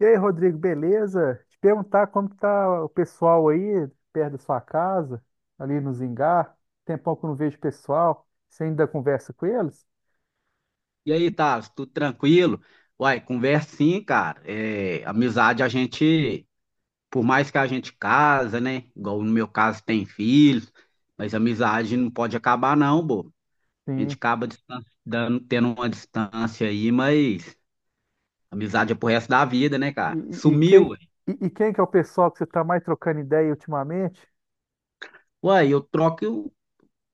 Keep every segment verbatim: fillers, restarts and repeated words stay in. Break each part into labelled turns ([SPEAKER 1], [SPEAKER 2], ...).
[SPEAKER 1] E aí, Rodrigo, beleza? Te perguntar como que tá o pessoal aí, perto da sua casa, ali no Zingá. Tempão que eu não vejo o pessoal. Você ainda conversa com eles?
[SPEAKER 2] E aí, tá, tudo tranquilo? Uai, conversa sim, cara. É, amizade a gente, por mais que a gente casa, né? Igual no meu caso tem filhos, mas amizade não pode acabar não, pô. A gente
[SPEAKER 1] Sim.
[SPEAKER 2] acaba distan- dando, tendo uma distância aí, mas amizade é pro resto da vida, né, cara?
[SPEAKER 1] E, e- e
[SPEAKER 2] Sumiu,
[SPEAKER 1] quem,
[SPEAKER 2] ué.
[SPEAKER 1] e, e quem que é o pessoal que você está mais trocando ideia ultimamente?
[SPEAKER 2] Uai, eu troco, eu,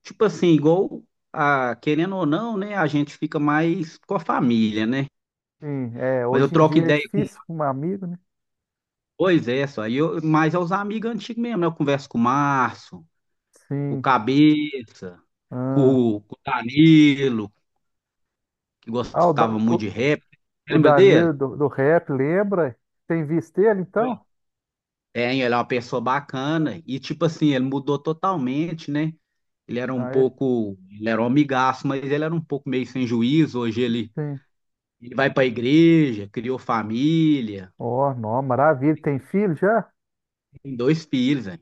[SPEAKER 2] tipo assim, igual, a, querendo ou não, né? A gente fica mais com a família, né?
[SPEAKER 1] Sim, é,
[SPEAKER 2] Mas eu
[SPEAKER 1] hoje em
[SPEAKER 2] troco
[SPEAKER 1] dia é
[SPEAKER 2] ideia.
[SPEAKER 1] difícil com um amigo, né?
[SPEAKER 2] Pois é, só. E eu, mas é os amigos antigos mesmo, né? Eu converso com o Márcio, com o
[SPEAKER 1] Sim.
[SPEAKER 2] Cabeça, com,
[SPEAKER 1] Ah,
[SPEAKER 2] o com o Danilo, que
[SPEAKER 1] Ah, o, Da-
[SPEAKER 2] gostava muito
[SPEAKER 1] o,
[SPEAKER 2] de rap.
[SPEAKER 1] o
[SPEAKER 2] Lembra dele?
[SPEAKER 1] Danilo do, do rap, lembra? Tem visto ele,
[SPEAKER 2] Oi.
[SPEAKER 1] então?
[SPEAKER 2] É, ele é uma pessoa bacana. E, tipo assim, ele mudou totalmente, né? Ele era um
[SPEAKER 1] Ah, é?
[SPEAKER 2] pouco. Ele era um amigaço, mas ele era um pouco meio sem juízo. Hoje ele,
[SPEAKER 1] Sim.
[SPEAKER 2] ele vai pra igreja, criou família,
[SPEAKER 1] Ó, nó, maravilha. Tem filho já?
[SPEAKER 2] tem dois filhos, né?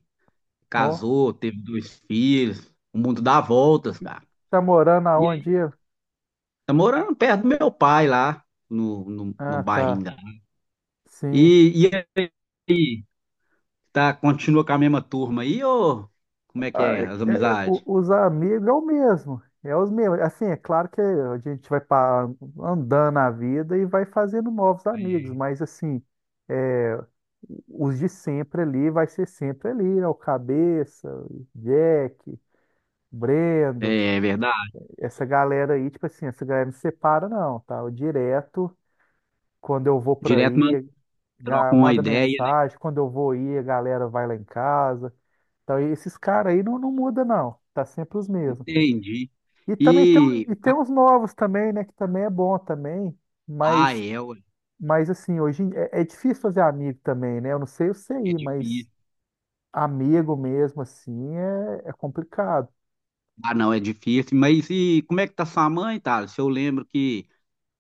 [SPEAKER 1] Ó,
[SPEAKER 2] Casou, teve dois filhos. O mundo dá voltas, cara.
[SPEAKER 1] tá morando aonde?
[SPEAKER 2] Tá morando perto do meu pai lá, no, no, no
[SPEAKER 1] Ah,
[SPEAKER 2] bairro
[SPEAKER 1] tá.
[SPEAKER 2] Ingá.
[SPEAKER 1] Sim.
[SPEAKER 2] E, e aí, tá, continua com a mesma turma aí, ou como é que
[SPEAKER 1] Ah,
[SPEAKER 2] é
[SPEAKER 1] é-
[SPEAKER 2] as
[SPEAKER 1] é- é, o-
[SPEAKER 2] amizades?
[SPEAKER 1] os amigos é o mesmo. É os mesmos. Assim, é claro que a gente vai pa- andando a vida e vai fazendo novos amigos, mas assim, é, os de sempre ali vai ser sempre ali, né? O Cabeça, o Jack, Brendo,
[SPEAKER 2] É, é verdade.
[SPEAKER 1] essa galera aí, tipo assim, essa galera não separa não, tá? Eu direto, quando eu vou pra
[SPEAKER 2] Direto, mano,
[SPEAKER 1] aí, ga-
[SPEAKER 2] troca uma
[SPEAKER 1] manda
[SPEAKER 2] ideia, né?
[SPEAKER 1] mensagem, quando eu vou ir, a galera vai lá em casa. Então, e esses caras aí não, não muda, não. Tá sempre os mesmos.
[SPEAKER 2] Entendi.
[SPEAKER 1] E também tem, um-
[SPEAKER 2] E,
[SPEAKER 1] e tem uns novos também, né? Que também é bom também.
[SPEAKER 2] ah,
[SPEAKER 1] Mas,
[SPEAKER 2] é, ué,
[SPEAKER 1] mas assim, hoje em- é, é difícil fazer amigo também, né? Eu não sei o
[SPEAKER 2] é
[SPEAKER 1] C I, mas
[SPEAKER 2] difícil.
[SPEAKER 1] amigo mesmo, assim, é, é complicado.
[SPEAKER 2] Ah, não, é difícil. Mas e como é que tá sua mãe, tá? Se eu lembro que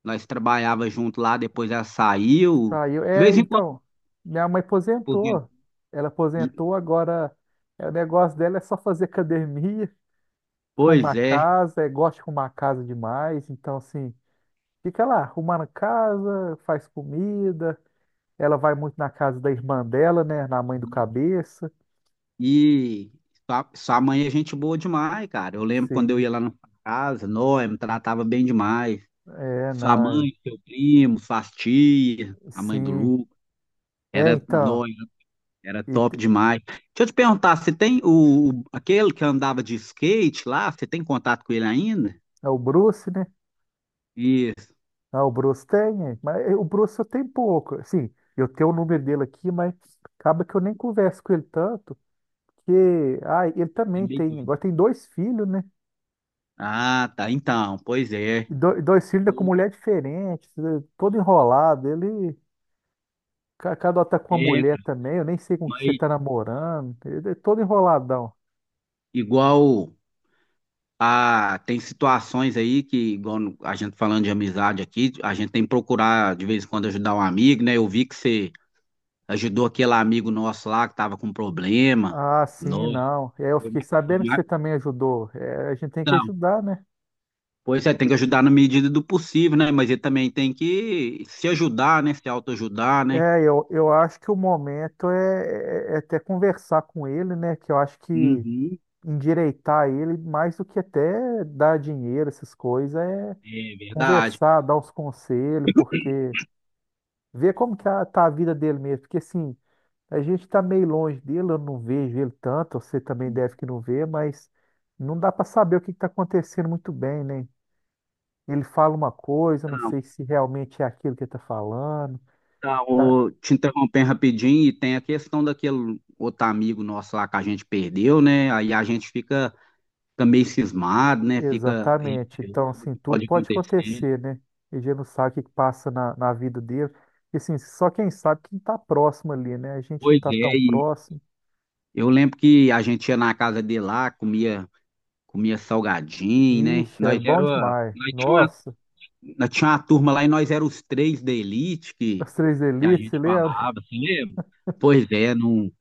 [SPEAKER 2] nós trabalhava junto lá, depois ela saiu.
[SPEAKER 1] Saiu.
[SPEAKER 2] De
[SPEAKER 1] É,
[SPEAKER 2] vez em quando,
[SPEAKER 1] então, minha mãe
[SPEAKER 2] por
[SPEAKER 1] aposentou.
[SPEAKER 2] exemplo.
[SPEAKER 1] Ela aposentou, agora é, o negócio dela é só fazer academia,
[SPEAKER 2] Pois
[SPEAKER 1] arrumar
[SPEAKER 2] é.
[SPEAKER 1] casa, é, gosta de arrumar casa demais. Então, assim, fica lá, arrumando casa, faz comida. Ela vai muito na casa da irmã dela, né? Na mãe do cabeça.
[SPEAKER 2] E sua, sua mãe é gente boa demais, cara. Eu lembro quando eu
[SPEAKER 1] Sim.
[SPEAKER 2] ia lá na sua casa, Noé me tratava bem demais.
[SPEAKER 1] É,
[SPEAKER 2] Sua
[SPEAKER 1] não, é,
[SPEAKER 2] mãe, seu primo, sua tia, a mãe do
[SPEAKER 1] sim.
[SPEAKER 2] Lu,
[SPEAKER 1] É,
[SPEAKER 2] era
[SPEAKER 1] então,
[SPEAKER 2] Noé, era
[SPEAKER 1] e
[SPEAKER 2] top
[SPEAKER 1] te-
[SPEAKER 2] demais. Deixa eu te perguntar, você tem o, o- aquele que andava de skate lá, você tem contato com ele ainda?
[SPEAKER 1] é o Bruce, né?
[SPEAKER 2] Isso,
[SPEAKER 1] Ah, o Bruce tem, é, mas é, o Bruce eu tenho pouco. Assim, eu tenho o número dele aqui, mas acaba que eu nem converso com ele tanto, porque, ah, ele
[SPEAKER 2] é
[SPEAKER 1] também
[SPEAKER 2] meio
[SPEAKER 1] tem,
[SPEAKER 2] doido.
[SPEAKER 1] agora tem dois filhos, né?
[SPEAKER 2] Ah, tá, então, pois é.
[SPEAKER 1] E do- dois filhos né, com mulher diferente, né, todo enrolado. Ele, ca- cada hora tá com uma
[SPEAKER 2] É,
[SPEAKER 1] mulher também, eu nem sei com que você
[SPEAKER 2] mas
[SPEAKER 1] tá namorando, ele é todo enroladão.
[SPEAKER 2] igual. Ah, tem situações aí que, igual no- a gente falando de amizade aqui, a gente tem que procurar de vez em quando ajudar um amigo, né? Eu vi que você ajudou aquele amigo nosso lá que tava com problema.
[SPEAKER 1] Ah, sim,
[SPEAKER 2] Nossa,
[SPEAKER 1] não. É, eu
[SPEAKER 2] foi uma
[SPEAKER 1] fiquei
[SPEAKER 2] foi
[SPEAKER 1] sabendo que você
[SPEAKER 2] uma-
[SPEAKER 1] também ajudou. É, a gente tem que
[SPEAKER 2] Então,
[SPEAKER 1] ajudar, né?
[SPEAKER 2] pois é, tem que ajudar na medida do possível, né? Mas ele também tem que se ajudar, né? Se autoajudar, né?
[SPEAKER 1] É, eu, eu acho que o momento é, é- é até conversar com ele, né? Que eu acho que
[SPEAKER 2] Uhum,
[SPEAKER 1] endireitar ele, mais do que até dar dinheiro, essas coisas, é
[SPEAKER 2] é verdade.
[SPEAKER 1] conversar, dar uns conselhos, porque ver como que a- tá a vida dele mesmo. Porque assim, a gente tá meio longe dele, eu não vejo ele tanto, você também deve que não vê, mas não dá para saber o que que tá acontecendo muito bem, né? Ele fala uma coisa, não
[SPEAKER 2] Então,
[SPEAKER 1] sei se realmente é aquilo que ele está falando.
[SPEAKER 2] então,
[SPEAKER 1] Tá?
[SPEAKER 2] ô, te interrompendo rapidinho, e tem a questão daquele outro amigo nosso lá que a gente perdeu, né? Aí a gente fica fica meio cismado, né? Fica
[SPEAKER 1] Exatamente. Então,
[SPEAKER 2] receoso do
[SPEAKER 1] assim,
[SPEAKER 2] que
[SPEAKER 1] tudo
[SPEAKER 2] pode
[SPEAKER 1] pode
[SPEAKER 2] acontecer.
[SPEAKER 1] acontecer, né? A gente não sabe o que que passa na, na vida dele. E, assim, só quem sabe quem está próximo ali, né? A gente não
[SPEAKER 2] Pois
[SPEAKER 1] está tão
[SPEAKER 2] é, e
[SPEAKER 1] próximo.
[SPEAKER 2] eu lembro que a gente ia na casa dele lá, comia, comia salgadinho, né?
[SPEAKER 1] Ixi, era
[SPEAKER 2] Nós
[SPEAKER 1] bom
[SPEAKER 2] era,
[SPEAKER 1] demais.
[SPEAKER 2] nós tinha uma,
[SPEAKER 1] Nossa,
[SPEAKER 2] nós tinha uma turma lá e nós éramos os três da elite que,
[SPEAKER 1] as três
[SPEAKER 2] que a
[SPEAKER 1] elites, você
[SPEAKER 2] gente
[SPEAKER 1] lembra?
[SPEAKER 2] falava, assim, lembra? Pois é, não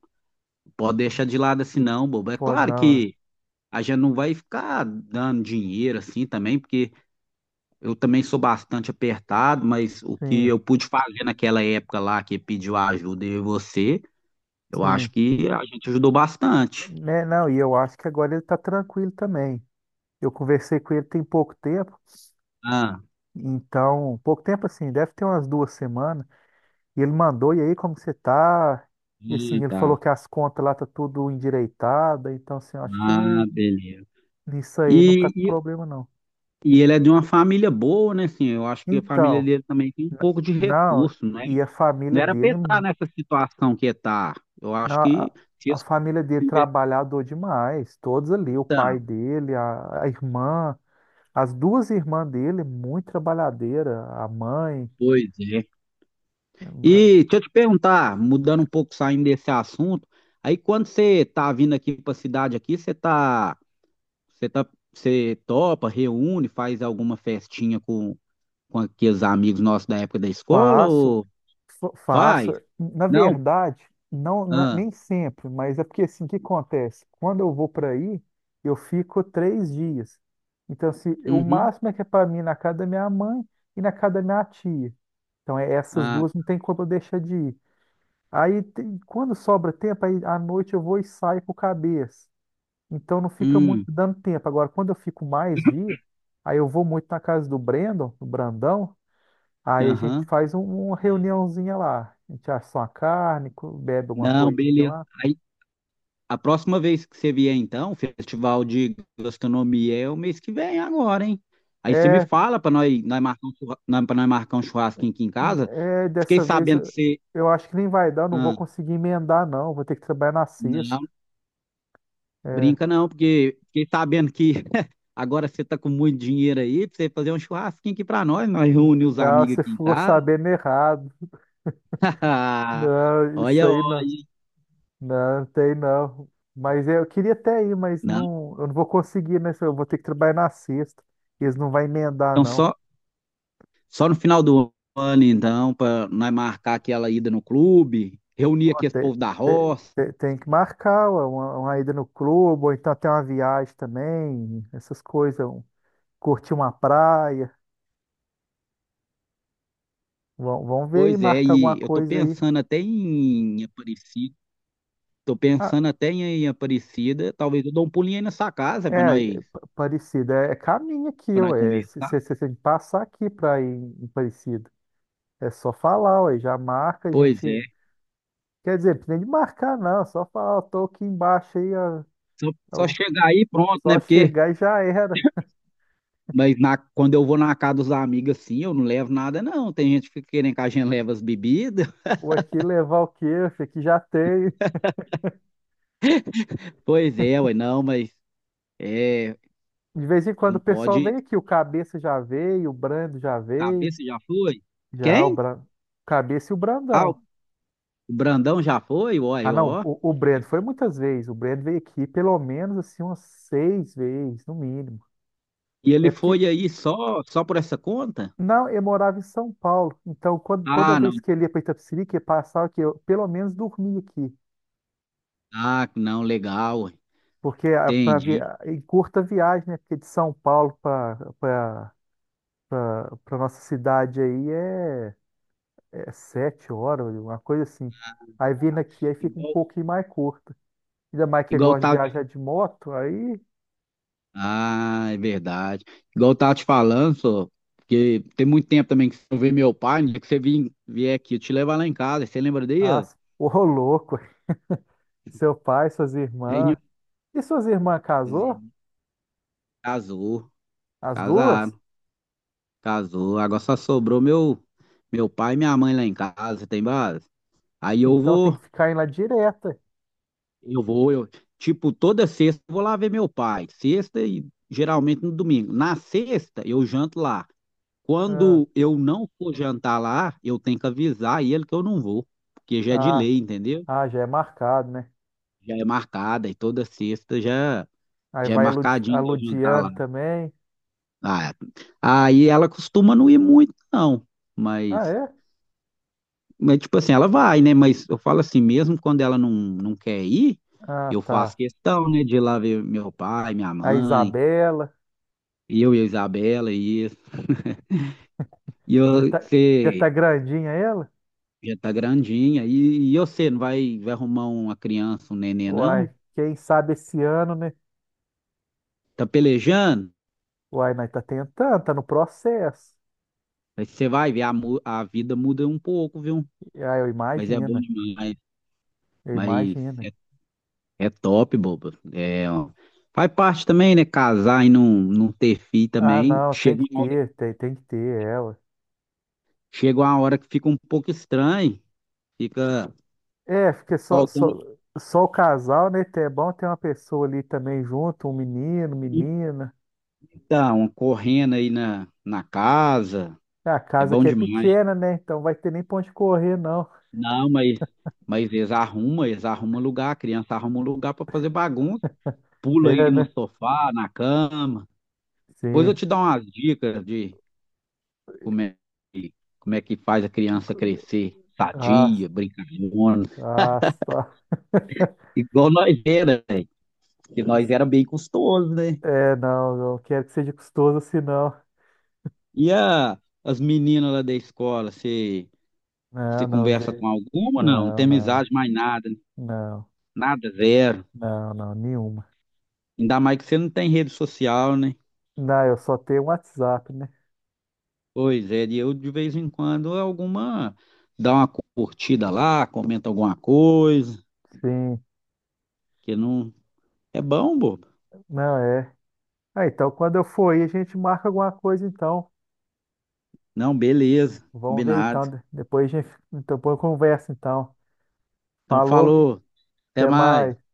[SPEAKER 2] pode deixar de lado assim não, bobo. É
[SPEAKER 1] Pô,
[SPEAKER 2] claro
[SPEAKER 1] não.
[SPEAKER 2] que a gente não vai ficar dando dinheiro assim também, porque eu também sou bastante apertado, mas o que
[SPEAKER 1] Sim,
[SPEAKER 2] eu pude fazer naquela época lá que pediu ajuda e você, eu acho
[SPEAKER 1] sim.
[SPEAKER 2] que a gente ajudou bastante.
[SPEAKER 1] Né, não, e eu acho que agora ele tá tranquilo também. Eu conversei com ele tem pouco tempo,
[SPEAKER 2] Ah,
[SPEAKER 1] então, pouco tempo assim, deve ter umas duas semanas. E ele mandou, e aí, como que você tá? E
[SPEAKER 2] sim,
[SPEAKER 1] assim, ele falou
[SPEAKER 2] tá.
[SPEAKER 1] que as contas lá tá tudo endireitada, então assim, eu acho que
[SPEAKER 2] Ah,
[SPEAKER 1] não,
[SPEAKER 2] beleza.
[SPEAKER 1] nisso aí não tá
[SPEAKER 2] E,
[SPEAKER 1] com
[SPEAKER 2] e,
[SPEAKER 1] problema não.
[SPEAKER 2] e ele é de uma família boa, né? Assim, eu acho que a família
[SPEAKER 1] Então,
[SPEAKER 2] dele também tem um
[SPEAKER 1] n-
[SPEAKER 2] pouco de
[SPEAKER 1] não,
[SPEAKER 2] recurso, né?
[SPEAKER 1] e a família
[SPEAKER 2] Não era
[SPEAKER 1] dele,
[SPEAKER 2] pensar nessa situação que tá. Eu acho
[SPEAKER 1] na-
[SPEAKER 2] que se
[SPEAKER 1] a, a
[SPEAKER 2] eles
[SPEAKER 1] família dele trabalhador demais, todos ali, o pai
[SPEAKER 2] conversaram,
[SPEAKER 1] dele, a, a irmã, as duas irmãs dele, muito trabalhadeira, a mãe.
[SPEAKER 2] pois é. E deixa eu te perguntar, mudando um pouco, saindo desse assunto, aí quando você tá vindo aqui pra cidade aqui, você tá, você tá, você topa, reúne, faz alguma festinha com, com aqueles amigos nossos da época da escola
[SPEAKER 1] Faço,
[SPEAKER 2] ou
[SPEAKER 1] fa-
[SPEAKER 2] faz?
[SPEAKER 1] faço. Na
[SPEAKER 2] Não?
[SPEAKER 1] verdade, não, na-
[SPEAKER 2] Ah,
[SPEAKER 1] nem sempre, mas é porque assim, o que acontece? Quando eu vou para aí, eu fico três dias. Então, assim, o
[SPEAKER 2] uhum,
[SPEAKER 1] máximo é que é para mim na casa da minha mãe e na casa da minha tia. Então, é, essas
[SPEAKER 2] ah,
[SPEAKER 1] duas não tem como eu deixar de ir. Aí, tem- quando sobra tempo, aí à noite eu vou e saio com o cabeça. Então, não fica muito
[SPEAKER 2] hum,
[SPEAKER 1] dando tempo. Agora, quando eu fico mais dia, aí eu vou muito na casa do Brandon, do Brandão. Aí a gente
[SPEAKER 2] aham.
[SPEAKER 1] faz um- uma reuniãozinha lá. A gente assa uma carne, co- bebe alguma
[SPEAKER 2] Não,
[SPEAKER 1] coisinha
[SPEAKER 2] beleza.
[SPEAKER 1] lá.
[SPEAKER 2] A próxima vez que você vier, então, o Festival de Gastronomia é o mês que vem agora, hein? Aí você me
[SPEAKER 1] É,
[SPEAKER 2] fala para nós, nós marcar um churra- nós- pra nós marcar um churrasquinho aqui em casa.
[SPEAKER 1] é
[SPEAKER 2] Fiquei
[SPEAKER 1] dessa vez
[SPEAKER 2] sabendo que
[SPEAKER 1] eu
[SPEAKER 2] você.
[SPEAKER 1] eu acho que nem vai dar, não vou
[SPEAKER 2] Ah,
[SPEAKER 1] conseguir emendar, não. Vou ter que trabalhar na sexta.
[SPEAKER 2] não,
[SPEAKER 1] É,
[SPEAKER 2] brinca não, porque fiquei sabendo que agora você tá com muito dinheiro aí pra você fazer um churrasquinho aqui pra nós. Nós
[SPEAKER 1] n-
[SPEAKER 2] reunimos os
[SPEAKER 1] não,
[SPEAKER 2] amigos
[SPEAKER 1] você
[SPEAKER 2] aqui em
[SPEAKER 1] ficou
[SPEAKER 2] casa.
[SPEAKER 1] sabendo errado. Não, isso
[SPEAKER 2] Olha,
[SPEAKER 1] aí não.
[SPEAKER 2] olha.
[SPEAKER 1] Não, não tem não. Mas é, eu queria até ir, mas
[SPEAKER 2] Não,
[SPEAKER 1] não, eu não vou conseguir, né? Eu vou ter que trabalhar na sexta. Eles não vão emendar,
[SPEAKER 2] então
[SPEAKER 1] não.
[SPEAKER 2] só, só no final do ano, então, para nós marcar aquela ida no clube, reunir aqui esse
[SPEAKER 1] Tem,
[SPEAKER 2] povo da
[SPEAKER 1] tem,
[SPEAKER 2] roça.
[SPEAKER 1] tem- tem que marcar uma, uma ida no clube, ou então tem uma viagem também, essas coisas, um- curtir uma praia. Vão, vão ver e
[SPEAKER 2] Pois é,
[SPEAKER 1] marcar alguma
[SPEAKER 2] e eu tô
[SPEAKER 1] coisa aí.
[SPEAKER 2] pensando até em Aparecida. Tô
[SPEAKER 1] Ah,
[SPEAKER 2] pensando até em em Aparecida. Talvez eu dou um pulinho aí na sua casa para
[SPEAKER 1] é,
[SPEAKER 2] nós,
[SPEAKER 1] é pa- Parecida, é, é caminho aqui,
[SPEAKER 2] para nós
[SPEAKER 1] ué.
[SPEAKER 2] conversar.
[SPEAKER 1] Você tem que passar aqui para ir em Parecida. É só falar, ué, já marca, a
[SPEAKER 2] Pois
[SPEAKER 1] gente.
[SPEAKER 2] é.
[SPEAKER 1] Quer dizer, não precisa nem de marcar, não, é só falar, ó, tô aqui embaixo aí, ó,
[SPEAKER 2] Só, só
[SPEAKER 1] ó,
[SPEAKER 2] chegar aí e pronto, né?
[SPEAKER 1] só
[SPEAKER 2] Porque
[SPEAKER 1] chegar e já era.
[SPEAKER 2] mas na, quando eu vou na casa dos amigos assim, eu não levo nada não. Tem gente que fica querendo que a gente leve as bebidas.
[SPEAKER 1] Ou aqui levar o quê? Aqui já tem.
[SPEAKER 2] Pois é, ué, não, mas é,
[SPEAKER 1] De vez em quando
[SPEAKER 2] não
[SPEAKER 1] o pessoal
[SPEAKER 2] pode
[SPEAKER 1] vem aqui, o Cabeça já veio, o Brando já veio,
[SPEAKER 2] saber se já foi.
[SPEAKER 1] já o
[SPEAKER 2] Quem?
[SPEAKER 1] Bra... Cabeça e o
[SPEAKER 2] Ah, o
[SPEAKER 1] Brandão.
[SPEAKER 2] Brandão já foi, uai,
[SPEAKER 1] Ah, não,
[SPEAKER 2] ó.
[SPEAKER 1] o, o Brando foi muitas vezes, o Brando veio aqui pelo menos assim umas seis vezes, no mínimo.
[SPEAKER 2] E ele
[SPEAKER 1] É porque,
[SPEAKER 2] foi aí só só por essa conta?
[SPEAKER 1] não, eu morava em São Paulo, então quando, toda
[SPEAKER 2] Ah, não.
[SPEAKER 1] vez que ele ia para Itapecerica, ele passava aqui, eu pelo menos dormia aqui,
[SPEAKER 2] Ah, não, legal,
[SPEAKER 1] porque para vi...
[SPEAKER 2] entendi.
[SPEAKER 1] ah, em curta viagem, né, porque de São Paulo para para nossa cidade aí é é sete horas, uma coisa assim. Aí vindo aqui, aí fica um
[SPEAKER 2] Igual,
[SPEAKER 1] pouquinho mais curta. Ainda mais que
[SPEAKER 2] igual
[SPEAKER 1] gosta de
[SPEAKER 2] tá,
[SPEAKER 1] viajar de moto, aí,
[SPEAKER 2] ah, é verdade. Igual eu tava te falando, só, porque tem muito tempo também que você não vê meu pai, no que você vim, vier aqui, eu te levar lá em casa, você lembra
[SPEAKER 1] ah,
[SPEAKER 2] dele?
[SPEAKER 1] ô louco, seu pai, suas
[SPEAKER 2] Aí,
[SPEAKER 1] irmãs. E suas irmãs casou?
[SPEAKER 2] Casou,
[SPEAKER 1] As duas?
[SPEAKER 2] casaram, casou. Agora só sobrou meu, meu pai e minha mãe lá em casa, tem base? Aí eu
[SPEAKER 1] Então tem
[SPEAKER 2] vou,
[SPEAKER 1] que ficar indo lá direta.
[SPEAKER 2] eu vou, eu, tipo, toda sexta eu vou lá ver meu pai, sexta e geralmente no domingo. Na sexta eu janto lá.
[SPEAKER 1] Ah,
[SPEAKER 2] Quando eu não for jantar lá, eu tenho que avisar ele que eu não vou, porque já é de
[SPEAKER 1] ah,
[SPEAKER 2] lei, entendeu?
[SPEAKER 1] ah, Já é marcado, né?
[SPEAKER 2] Já é marcada e toda sexta já,
[SPEAKER 1] Aí
[SPEAKER 2] já é
[SPEAKER 1] vai a, Ludi, a
[SPEAKER 2] marcadinho de eu jantar lá.
[SPEAKER 1] Ludiane também.
[SPEAKER 2] Ah, aí ela costuma não ir muito, não,
[SPEAKER 1] Ah,
[SPEAKER 2] mas,
[SPEAKER 1] é?
[SPEAKER 2] mas tipo assim, ela vai, né? Mas eu falo assim, mesmo quando ela não, não quer ir,
[SPEAKER 1] Ah,
[SPEAKER 2] eu faço
[SPEAKER 1] tá.
[SPEAKER 2] questão, né, de ir lá ver meu pai, minha
[SPEAKER 1] A
[SPEAKER 2] mãe,
[SPEAKER 1] Isabela.
[SPEAKER 2] eu e a Isabela e isso. E
[SPEAKER 1] Já
[SPEAKER 2] eu,
[SPEAKER 1] tá, já tá
[SPEAKER 2] você,
[SPEAKER 1] grandinha ela?
[SPEAKER 2] já tá grandinha. E, e você não vai, vai arrumar uma criança, um neném, não?
[SPEAKER 1] Uai, quem sabe esse ano, né?
[SPEAKER 2] Tá pelejando?
[SPEAKER 1] Uai, nós tá tentando, tá no processo.
[SPEAKER 2] Aí você vai ver, a, mu- a vida muda um pouco, viu?
[SPEAKER 1] Ah, eu
[SPEAKER 2] Mas é bom
[SPEAKER 1] imagino,
[SPEAKER 2] demais.
[SPEAKER 1] eu
[SPEAKER 2] Mas
[SPEAKER 1] imagino.
[SPEAKER 2] é, é top, boba. É, ó. Faz parte também, né? Casar e não, não ter filho
[SPEAKER 1] Ah,
[SPEAKER 2] também.
[SPEAKER 1] não, tem
[SPEAKER 2] Chega
[SPEAKER 1] que
[SPEAKER 2] uma hora,
[SPEAKER 1] ter, tem, tem que ter ela.
[SPEAKER 2] chega uma hora que fica um pouco estranho. Fica
[SPEAKER 1] É, porque só,
[SPEAKER 2] faltando
[SPEAKER 1] só, só o casal, né? É bom ter uma pessoa ali também junto, um menino, menina.
[SPEAKER 2] então, correndo aí na, na casa.
[SPEAKER 1] É a
[SPEAKER 2] É
[SPEAKER 1] casa
[SPEAKER 2] bom
[SPEAKER 1] que é
[SPEAKER 2] demais.
[SPEAKER 1] pequena, né? Então vai ter nem pra onde correr, não.
[SPEAKER 2] Não, mas, mas eles arrumam, eles arrumam lugar, a criança arruma um lugar para fazer bagunça, pula
[SPEAKER 1] É,
[SPEAKER 2] aí no
[SPEAKER 1] né?
[SPEAKER 2] sofá, na cama. Depois eu
[SPEAKER 1] Sim.
[SPEAKER 2] te dou umas dicas de como é, que- como é que faz a criança crescer
[SPEAKER 1] Ah,
[SPEAKER 2] sadia, brincalhona,
[SPEAKER 1] ah, tá.
[SPEAKER 2] igual nós era, velho, porque nós era bem custoso, né?
[SPEAKER 1] É, não, não quero que seja custoso assim, não.
[SPEAKER 2] E a, as meninas lá da escola, você
[SPEAKER 1] Não,
[SPEAKER 2] você
[SPEAKER 1] não,
[SPEAKER 2] conversa
[SPEAKER 1] vê.
[SPEAKER 2] com alguma? Não, não
[SPEAKER 1] Não,
[SPEAKER 2] tem
[SPEAKER 1] não,
[SPEAKER 2] amizade mais nada,
[SPEAKER 1] não,
[SPEAKER 2] nada zero.
[SPEAKER 1] não, não, Nenhuma.
[SPEAKER 2] Ainda mais que você não tem rede social, né?
[SPEAKER 1] Não, eu só tenho um WhatsApp, né?
[SPEAKER 2] Pois é, e eu de vez em quando alguma dá uma curtida lá, comenta alguma coisa,
[SPEAKER 1] Sim.
[SPEAKER 2] que não é bom, bobo.
[SPEAKER 1] Não, é. Ah, então quando eu for aí, a gente marca alguma coisa, então.
[SPEAKER 2] Não, beleza,
[SPEAKER 1] Vamos ver, então.
[SPEAKER 2] combinado.
[SPEAKER 1] de- Depois a gente, então, depois conversa, então.
[SPEAKER 2] Então
[SPEAKER 1] Falou, hein?
[SPEAKER 2] falou, até
[SPEAKER 1] Até
[SPEAKER 2] mais.
[SPEAKER 1] mais.